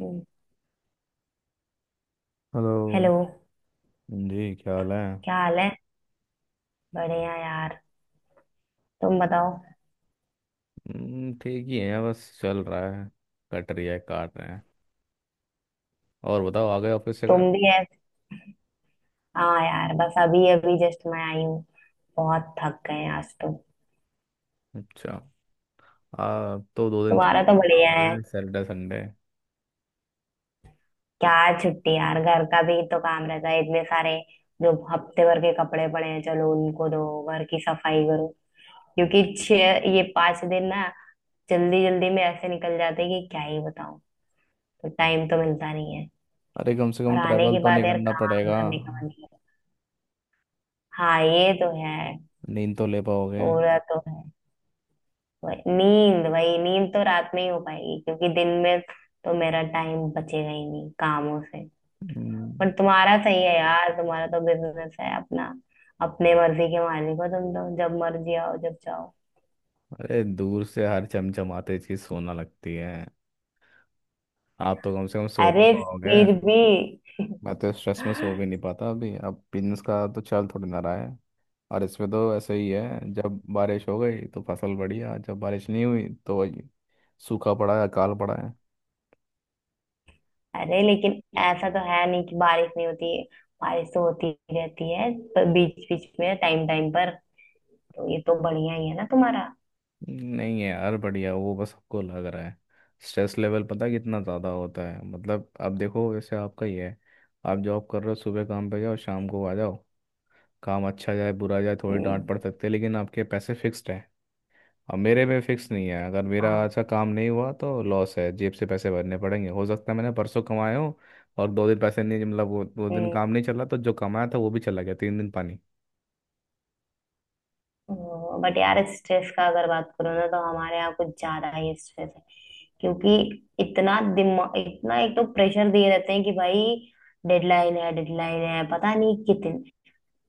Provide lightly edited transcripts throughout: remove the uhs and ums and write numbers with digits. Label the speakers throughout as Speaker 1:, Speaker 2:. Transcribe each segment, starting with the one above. Speaker 1: हम्म,
Speaker 2: hello
Speaker 1: hello.
Speaker 2: जी क्या हाल है?
Speaker 1: क्या हाल है? बढ़िया यार, तुम बताओ।
Speaker 2: ठीक ही है, बस चल रहा है। कट रही है, काट रहे हैं। और बताओ, आ गए ऑफिस से घर?
Speaker 1: तुम भी है? हाँ यार, बस अभी अभी जस्ट मैं आई हूँ। बहुत थक गए हैं आज तो।
Speaker 2: अच्छा, आ तो 2 दिन
Speaker 1: तुम्हारा
Speaker 2: छुट्टी
Speaker 1: तो बढ़िया
Speaker 2: लगाओगे
Speaker 1: है।
Speaker 2: Saturday Sunday.
Speaker 1: क्या छुट्टी यार, घर का भी तो काम रहता है इतने सारे। जो हफ्ते भर के कपड़े पड़े हैं चलो उनको दो, घर की सफाई करो। क्योंकि छह ये 5 दिन ना जल्दी जल्दी में ऐसे निकल जाते हैं कि क्या ही बताऊं। तो टाइम तो मिलता नहीं है।
Speaker 2: अरे, कम से
Speaker 1: और
Speaker 2: कम
Speaker 1: आने
Speaker 2: ट्रैवल
Speaker 1: के
Speaker 2: तो नहीं
Speaker 1: बाद यार
Speaker 2: करना
Speaker 1: काम
Speaker 2: पड़ेगा।
Speaker 1: करने का मन नहीं है। हाँ ये तो है।
Speaker 2: नींद तो ले पाओगे।
Speaker 1: पूरा तो है। वही नींद, वही नींद तो रात में ही हो पाएगी क्योंकि दिन में तो मेरा टाइम बचेगा ही नहीं कामों से।
Speaker 2: हम्म।
Speaker 1: पर तुम्हारा सही है यार, तुम्हारा तो बिजनेस है अपना। अपने मर्जी के मालिक हो तुम, तो जब मर्जी आओ जब चाहो।
Speaker 2: अरे, दूर से हर चमचमाते चीज सोना लगती है। आप तो कम से कम सो तो
Speaker 1: अरे,
Speaker 2: पाओगे।
Speaker 1: फिर भी।
Speaker 2: मैं तो स्ट्रेस में सो भी नहीं पाता अभी, अब बिजनेस का तो चल थोड़ी ना रहा है। और इसमें तो ऐसे ही है, जब बारिश हो गई तो फसल बढ़िया, जब बारिश नहीं हुई तो वही सूखा पड़ा है, अकाल पड़ा है।
Speaker 1: अरे लेकिन ऐसा तो है नहीं कि बारिश नहीं होती है। बारिश तो होती ही रहती है पर बीच बीच में, टाइम टाइम पर। तो ये तो बढ़िया ही है ना तुम्हारा।
Speaker 2: नहीं है यार बढ़िया, वो बस सबको लग रहा है। स्ट्रेस लेवल पता है कितना ज़्यादा होता है? मतलब अब देखो, वैसे आपका ही है, आप जॉब कर रहे हो, सुबह काम पे जाओ, शाम को आ जाओ। काम अच्छा जाए बुरा जाए, थोड़ी डांट
Speaker 1: हम्म।
Speaker 2: पड़ सकती है, लेकिन आपके पैसे फिक्स्ड है। अब मेरे में फिक्स नहीं है, अगर मेरा
Speaker 1: हाँ।
Speaker 2: अच्छा काम नहीं हुआ तो लॉस है, जेब से पैसे भरने पड़ेंगे। हो सकता है मैंने परसों कमाए हो और 2 दिन पैसे नहीं, मतलब वो 2 दिन
Speaker 1: हम्म।
Speaker 2: काम नहीं चला तो जो कमाया था वो भी चला गया, 3 दिन पानी।
Speaker 1: बट यार स्ट्रेस का अगर बात करो ना, तो हमारे यहाँ कुछ ज्यादा ही स्ट्रेस है। क्योंकि इतना दिमाग, इतना एक तो प्रेशर दिए रहते हैं कि भाई डेडलाइन है, डेडलाइन है, पता नहीं कितने।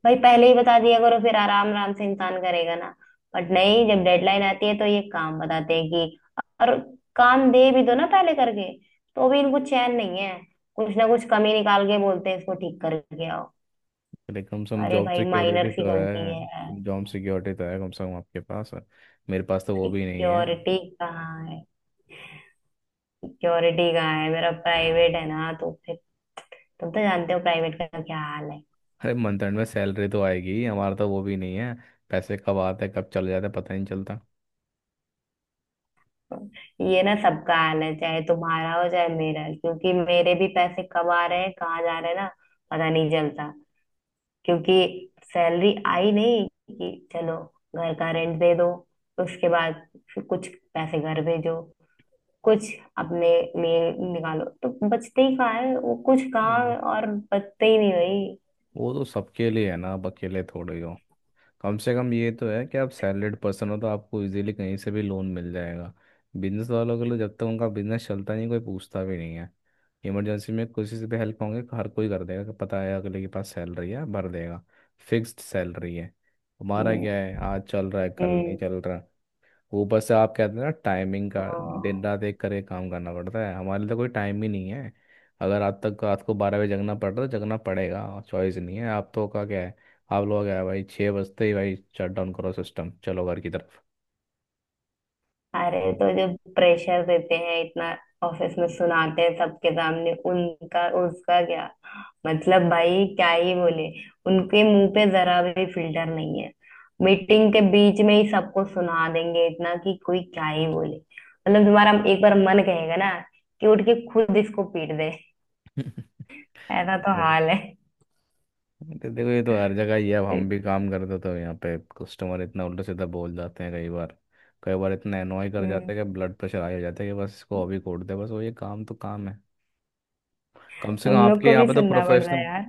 Speaker 1: भाई पहले ही बता दिया करो फिर आराम आराम से इंसान करेगा ना। बट नहीं, जब डेडलाइन आती है तो ये काम बताते हैं कि, और काम दे भी दो ना पहले करके तो भी इनको चैन नहीं है। कुछ ना कुछ कमी निकाल के बोलते हैं, इसको ठीक करके आओ।
Speaker 2: लेकिन कम से कम
Speaker 1: अरे
Speaker 2: जॉब
Speaker 1: भाई
Speaker 2: सिक्योरिटी
Speaker 1: माइनर सी
Speaker 2: तो
Speaker 1: गलती है।
Speaker 2: है, जॉब सिक्योरिटी तो है कम से कम आपके पास, मेरे पास तो वो भी नहीं है।
Speaker 1: सिक्योरिटी कहाँ है? सिक्योरिटी का है, मेरा प्राइवेट है ना तो फिर। तुम तो जानते हो प्राइवेट का क्या हाल है।
Speaker 2: अरे मंथ एंड में सैलरी तो आएगी, हमारा तो वो भी नहीं है। पैसे कब आते हैं कब चले जाते हैं पता ही नहीं चलता।
Speaker 1: ये ना सबका हाल है, चाहे तुम्हारा हो चाहे मेरा, क्योंकि मेरे भी पैसे कब आ रहे हैं कहाँ जा रहे हैं ना, पता नहीं चलता। क्योंकि सैलरी आई नहीं कि चलो घर का रेंट दे दो, उसके बाद फिर कुछ पैसे घर भेजो, कुछ अपने लिए निकालो, तो बचते ही कहाँ है वो कुछ कहाँ?
Speaker 2: वो
Speaker 1: और बचते ही नहीं भाई।
Speaker 2: वो तो सबके लिए है ना, अब अकेले थोड़े हो। कम से कम ये तो है कि आप सैलरीड पर्सन हो तो आपको इजीली कहीं से भी लोन मिल जाएगा। बिजनेस वालों के लिए जब तक उनका बिजनेस चलता नहीं कोई पूछता भी नहीं है। इमरजेंसी में किसी से भी हेल्प होंगे, हर कोई कर देगा कि पता है अगले के पास सैलरी है, भर देगा। फिक्स्ड सैलरी है। हमारा
Speaker 1: हम्म।
Speaker 2: क्या है, आज चल रहा है कल नहीं
Speaker 1: हम्म।
Speaker 2: चल रहा। ऊपर से आप कहते हैं ना टाइमिंग का, दिन
Speaker 1: हाँ।
Speaker 2: रात एक करके काम करना पड़ता है। हमारे लिए तो कोई टाइम ही नहीं है, अगर रात तक रात को 12 बजे जगना पड़ रहा है तो जगना पड़ेगा। चॉइस नहीं है। आप तो का क्या है, आप लोग क्या है, भाई 6 बजते ही भाई शट डाउन करो सिस्टम, चलो घर की तरफ।
Speaker 1: अरे तो जो प्रेशर देते हैं इतना, ऑफिस में सुनाते हैं सबके सामने, उनका उसका क्या? मतलब भाई क्या ही बोले। उनके मुंह पे जरा भी फिल्टर नहीं है। मीटिंग के बीच में ही सबको सुना देंगे इतना कि कोई क्या ही बोले, मतलब तुम्हारा एक बार मन कहेगा ना कि उठ के खुद इसको पीट दे। ऐसा तो
Speaker 2: हम्म।
Speaker 1: हाल है।
Speaker 2: देखो ये तो हर जगह ही है। अब हम भी काम करते तो यहाँ पे कस्टमर इतना उल्टा सीधा बोल जाते हैं कई बार। कई बार इतना एनॉय कर
Speaker 1: हम्म,
Speaker 2: जाते हैं कि ब्लड प्रेशर हाई हो जाता है, कि बस इसको अभी कोड दे, बस वो ये काम, तो काम है। कम से कम
Speaker 1: तुम लोग
Speaker 2: आपके
Speaker 1: को
Speaker 2: यहाँ
Speaker 1: भी
Speaker 2: पे तो
Speaker 1: सुनना पड़ता है
Speaker 2: प्रोफेशनल।
Speaker 1: यार।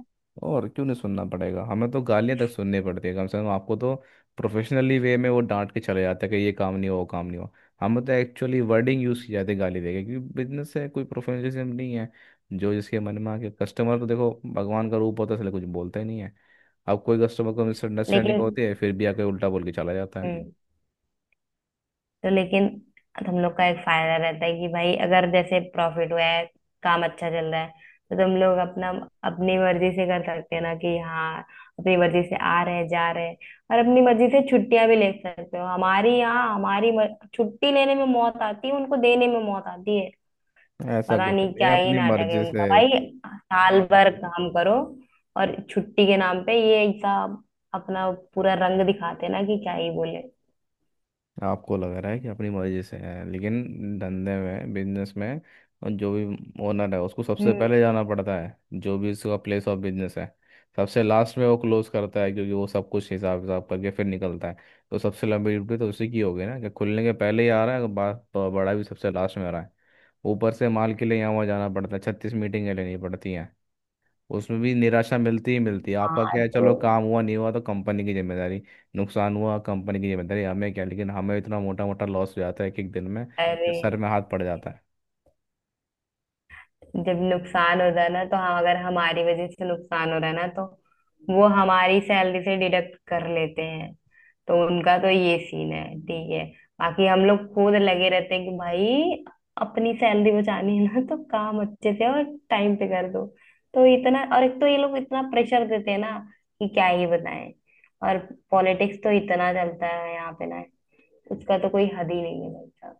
Speaker 2: और क्यों नहीं सुनना पड़ेगा, हमें तो गालियां तक सुननी पड़ती है। कम से कम आपको तो प्रोफेशनली वे में वो डांट के चले जाते हैं कि ये काम नहीं हुआ वो काम नहीं हुआ। हमें तो एक्चुअली वर्डिंग यूज़ की जाती है गाली देके, क्योंकि बिजनेस है, कोई प्रोफेशनलिज्म नहीं है। जो जिसके मन में आके, कस्टमर तो देखो भगवान का रूप होता है, इसलिए कुछ बोलता ही नहीं है। अब कोई कस्टमर को मिसअंडरस्टैंडिंग
Speaker 1: लेकिन
Speaker 2: होती है, फिर भी आके उल्टा बोल के चला जाता है।
Speaker 1: हम्म, तो लेकिन हम लोग का एक फायदा रहता है कि भाई अगर जैसे प्रॉफिट हुआ है, काम अच्छा चल रहा है, तो तुम लोग अपना, अपनी मर्जी से कर सकते हैं ना कि हाँ, अपनी मर्जी से आ रहे हैं जा रहे हैं। और अपनी मर्जी से छुट्टियां भी ले सकते हो। हमारी यहाँ हमारी छुट्टी लेने में मौत आती है, उनको देने में मौत आती है।
Speaker 2: ऐसा
Speaker 1: पता
Speaker 2: कुछ
Speaker 1: नहीं
Speaker 2: नहीं है
Speaker 1: क्या ही
Speaker 2: अपनी
Speaker 1: नाटक है
Speaker 2: मर्जी से।
Speaker 1: उनका भाई। साल भर काम करो और छुट्टी के नाम पे ये ऐसा अपना पूरा रंग दिखाते हैं ना कि क्या ही बोले।
Speaker 2: आपको लग रहा है कि अपनी मर्जी से है, लेकिन धंधे में, बिजनेस में, और जो भी ओनर है उसको सबसे
Speaker 1: हम्म।
Speaker 2: पहले जाना पड़ता है जो भी उसका प्लेस ऑफ बिजनेस है। सबसे लास्ट में वो क्लोज करता है, क्योंकि वो सब कुछ हिसाब हिसाब करके फिर निकलता है। तो सबसे लंबी ड्यूटी तो उसी की होगी ना, कि खुलने के पहले ही आ रहा है, बात तो बड़ा भी सबसे लास्ट में आ रहा है। ऊपर से माल के लिए यहाँ वहाँ जाना पड़ता है, 36 मीटिंगें लेनी पड़ती हैं। उसमें भी निराशा मिलती ही मिलती है। आपका
Speaker 1: हाँ
Speaker 2: क्या है, चलो
Speaker 1: तो,
Speaker 2: काम हुआ नहीं हुआ तो कंपनी की जिम्मेदारी, नुकसान हुआ कंपनी की जिम्मेदारी, हमें क्या। लेकिन हमें इतना मोटा मोटा लॉस हो जाता है कि एक दिन में कि
Speaker 1: अरे
Speaker 2: सर में हाथ पड़ जाता है।
Speaker 1: जब नुकसान हो जाए ना तो हम, अगर हमारी वजह से नुकसान हो रहा है ना तो वो हमारी सैलरी से डिडक्ट कर लेते हैं। तो उनका तो ये सीन है, ठीक है। बाकी हम लोग खुद लगे रहते हैं कि भाई अपनी सैलरी बचानी है ना, तो काम अच्छे से और टाइम पे कर दो। तो इतना, और एक तो ये लोग इतना प्रेशर देते हैं ना कि क्या ही बताएं। और पॉलिटिक्स तो इतना चलता है यहाँ पे ना, उसका तो कोई हद ही नहीं है भाई साहब।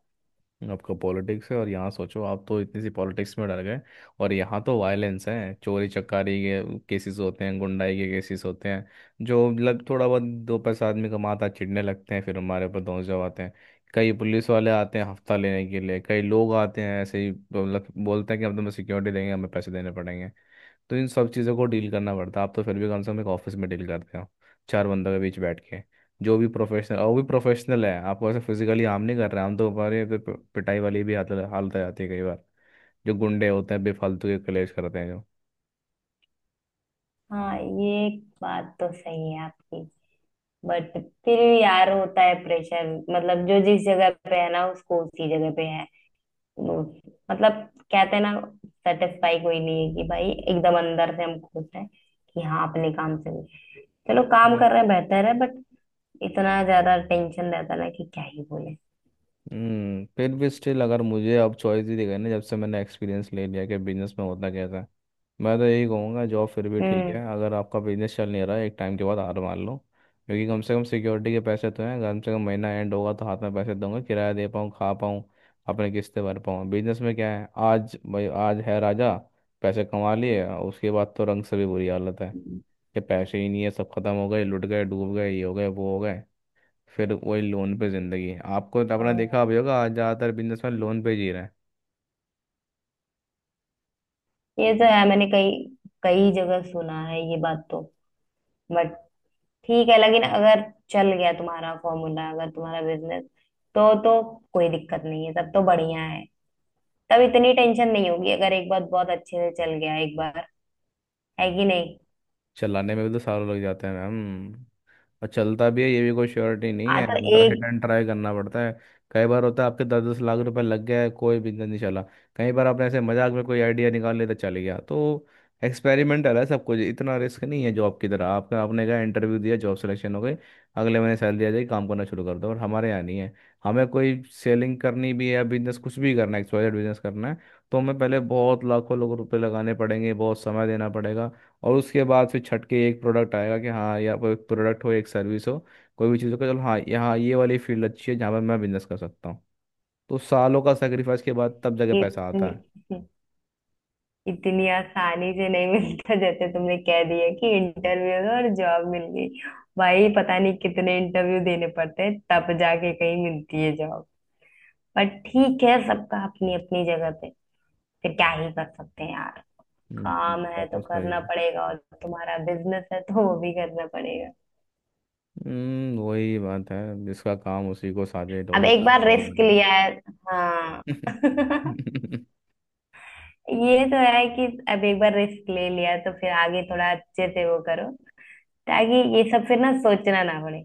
Speaker 2: आपका पॉलिटिक्स है, और यहाँ सोचो, आप तो इतनी सी पॉलिटिक्स में डर गए, और यहाँ तो वायलेंस है, चोरी चकारी के केसेस होते हैं, गुंडाई के केसेस होते हैं। जो लग थोड़ा बहुत दो पैसा आदमी कमाता है, चिढ़ने लगते हैं, फिर हमारे ऊपर धौंस जमाते हैं। कई पुलिस वाले आते हैं हफ्ता लेने के लिए, कई लोग आते हैं ऐसे ही, मतलब बोलते हैं कि हम तुम्हें सिक्योरिटी देंगे, हमें पैसे देने पड़ेंगे। तो इन सब चीज़ों को डील करना पड़ता है। आप तो फिर भी कम से कम एक ऑफिस में डील करते हो, चार बंदों के बीच बैठ के, जो भी प्रोफेशनल। और वो भी प्रोफेशनल है, आपको ऐसे फिजिकली हार्म नहीं कर रहे। हम तो हमारे पे- पे- पिटाई वाली भी हालत हालत आ जाती है कई बार। जो गुंडे होते हैं बेफालतू के कलेश करते हैं। जो
Speaker 1: हाँ, ये एक बात तो सही है आपकी। बट फिर भी यार होता है प्रेशर। मतलब जो जिस जगह पे है ना, उसको उसी जगह पे है। वो- मतलब, कहते हैं ना, सेटिस्फाई कोई नहीं है कि भाई एकदम अंदर से हम खुश हैं कि हाँ अपने काम से भी। चलो काम
Speaker 2: Yeah।
Speaker 1: कर रहे हैं बेहतर है, बट इतना ज्यादा टेंशन रहता है ना कि क्या ही बोले।
Speaker 2: हम्म, फिर भी स्टिल अगर मुझे अब चॉइस ही दी गई ना, जब से मैंने एक्सपीरियंस ले लिया कि बिजनेस में होता कैसा है, मैं तो यही कहूँगा जॉब फिर भी ठीक
Speaker 1: हम्म।
Speaker 2: है। अगर आपका बिजनेस चल नहीं रहा है, एक टाइम के बाद हार मान लो, क्योंकि कम से कम सिक्योरिटी के पैसे तो हैं, कम से कम महीना एंड होगा तो हाथ में पैसे दूंगा, किराया दे पाऊँ, खा पाऊँ, अपने किस्तें भर पाऊँ। बिजनेस में क्या है, आज भाई आज है राजा, पैसे कमा लिए, उसके बाद तो रंग से भी बुरी हालत है।
Speaker 1: हम्म।
Speaker 2: कि पैसे ही नहीं है, सब खत्म हो गए, लुट गए, डूब गए, ये हो गए, वो हो गए। फिर वही लोन पे जिंदगी। आपको तो आपने देखा
Speaker 1: हाँ।
Speaker 2: भी होगा, आज ज़्यादातर बिजनेस में लोन पे जी रहे हैं।
Speaker 1: ये तो है, मैंने कई कई जगह सुना है ये बात तो। बट ठीक है, लेकिन अगर चल गया तुम्हारा फॉर्मूला, अगर तुम्हारा बिजनेस, तो कोई दिक्कत नहीं है, तब तो बढ़िया है। तब इतनी टेंशन नहीं होगी अगर एक बार बहुत अच्छे से चल गया एक बार। है कि नहीं?
Speaker 2: चलाने में भी तो सालों लग जाते हैं मैम, और चलता भी है ये भी कोई श्योरिटी नहीं
Speaker 1: आ
Speaker 2: है,
Speaker 1: तो
Speaker 2: मतलब हिट
Speaker 1: एक
Speaker 2: एंड ट्राई करना पड़ता है। कई बार होता है आपके दस दस लाख रुपए लग गया है, कोई बिजनेस नहीं चला। कई बार आपने ऐसे मजाक में कोई आइडिया निकाल लिया तो चल गया। तो एक्सपेरिमेंटल है सब कुछ, इतना रिस्क नहीं है जॉब की तरह। आपका, आपने कहा इंटरव्यू दिया, जॉब सिलेक्शन हो गई, अगले महीने सैलरी आ जाएगी, काम करना शुरू कर दो। और हमारे यहाँ नहीं है। हमें कोई सेलिंग करनी भी है या बिजनेस कुछ भी करना है, एक्सवाइजेड बिजनेस करना है, तो हमें पहले बहुत लाखों लोगों रुपए लगाने पड़ेंगे, बहुत समय देना पड़ेगा। और उसके बाद फिर छट के एक प्रोडक्ट आएगा कि हाँ, या कोई प्रोडक्ट हो, एक सर्विस हो, कोई भी चीज़ हो, कि चलो हाँ यहाँ ये वाली फील्ड अच्छी है जहाँ पर मैं बिजनेस कर सकता हूँ। तो सालों का सेक्रीफाइस के बाद तब जाके पैसा
Speaker 1: इतनी
Speaker 2: आता है।
Speaker 1: इतनी आसानी से नहीं मिलता जैसे तुमने कह दिया कि इंटरव्यू और जॉब मिल गई। भाई पता नहीं कितने इंटरव्यू देने पड़ते हैं तब जाके कहीं मिलती है जॉब। पर ठीक है, सबका अपनी अपनी जगह पे, फिर क्या ही कर सकते हैं यार। काम है
Speaker 2: बात
Speaker 1: तो
Speaker 2: तो सही
Speaker 1: करना
Speaker 2: है।
Speaker 1: पड़ेगा, और तुम्हारा बिजनेस है तो वो भी करना पड़ेगा।
Speaker 2: हम्म, वही बात है। जिसका काम उसी को, साजे
Speaker 1: अब
Speaker 2: डोली
Speaker 1: एक
Speaker 2: सारा
Speaker 1: बार रिस्क
Speaker 2: डोल
Speaker 1: लिया है। हाँ।
Speaker 2: बजे।
Speaker 1: ये तो है कि अब एक बार रिस्क ले लिया तो फिर आगे थोड़ा अच्छे से वो करो, ताकि ये सब फिर ना सोचना ना पड़े।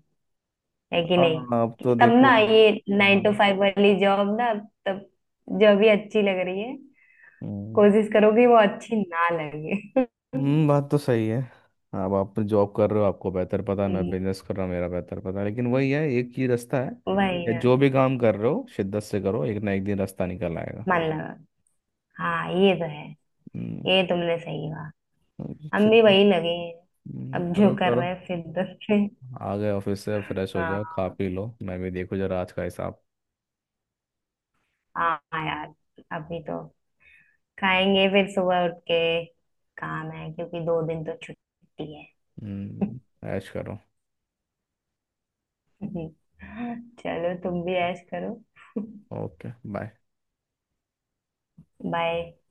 Speaker 1: है कि नहीं?
Speaker 2: हाँ, अब
Speaker 1: कि
Speaker 2: तो
Speaker 1: तब
Speaker 2: देखो।
Speaker 1: ना ये नाइन टू
Speaker 2: हम्म,
Speaker 1: फाइव वाली जॉब ना, तब जो भी अच्छी लग रही है
Speaker 2: हम्म।
Speaker 1: कोशिश करोगे वो अच्छी ना लगे।
Speaker 2: हम्म, बात तो सही है। अब आप जॉब कर रहे हो आपको बेहतर पता है, मैं
Speaker 1: हम्म,
Speaker 2: बिजनेस कर रहा हूँ मेरा बेहतर पता है, लेकिन वही है, एक ही रास्ता है,
Speaker 1: वही
Speaker 2: कि
Speaker 1: ना।
Speaker 2: जो भी काम कर रहे हो शिद्दत से करो, एक ना एक दिन रास्ता निकल आएगा।
Speaker 1: मन लगा। हाँ ये तो है।
Speaker 2: हम्म।
Speaker 1: ये तुमने सही कहा। हम भी
Speaker 2: शिद्दत।
Speaker 1: वही लगे हैं। अब जो
Speaker 2: करो
Speaker 1: कर
Speaker 2: करो।
Speaker 1: रहे हैं फिर से।
Speaker 2: आ गए ऑफिस से, फ्रेश हो
Speaker 1: हाँ।
Speaker 2: जाओ, खा पी लो। मैं भी देखो जरा आज का हिसाब।
Speaker 1: हाँ यार, अभी तो खाएंगे, फिर सुबह उठ के काम है क्योंकि 2 दिन तो छुट्टी है।
Speaker 2: हम्म ऐश करो।
Speaker 1: चलो तुम भी ऐश करो।
Speaker 2: Okay bye.
Speaker 1: बाय।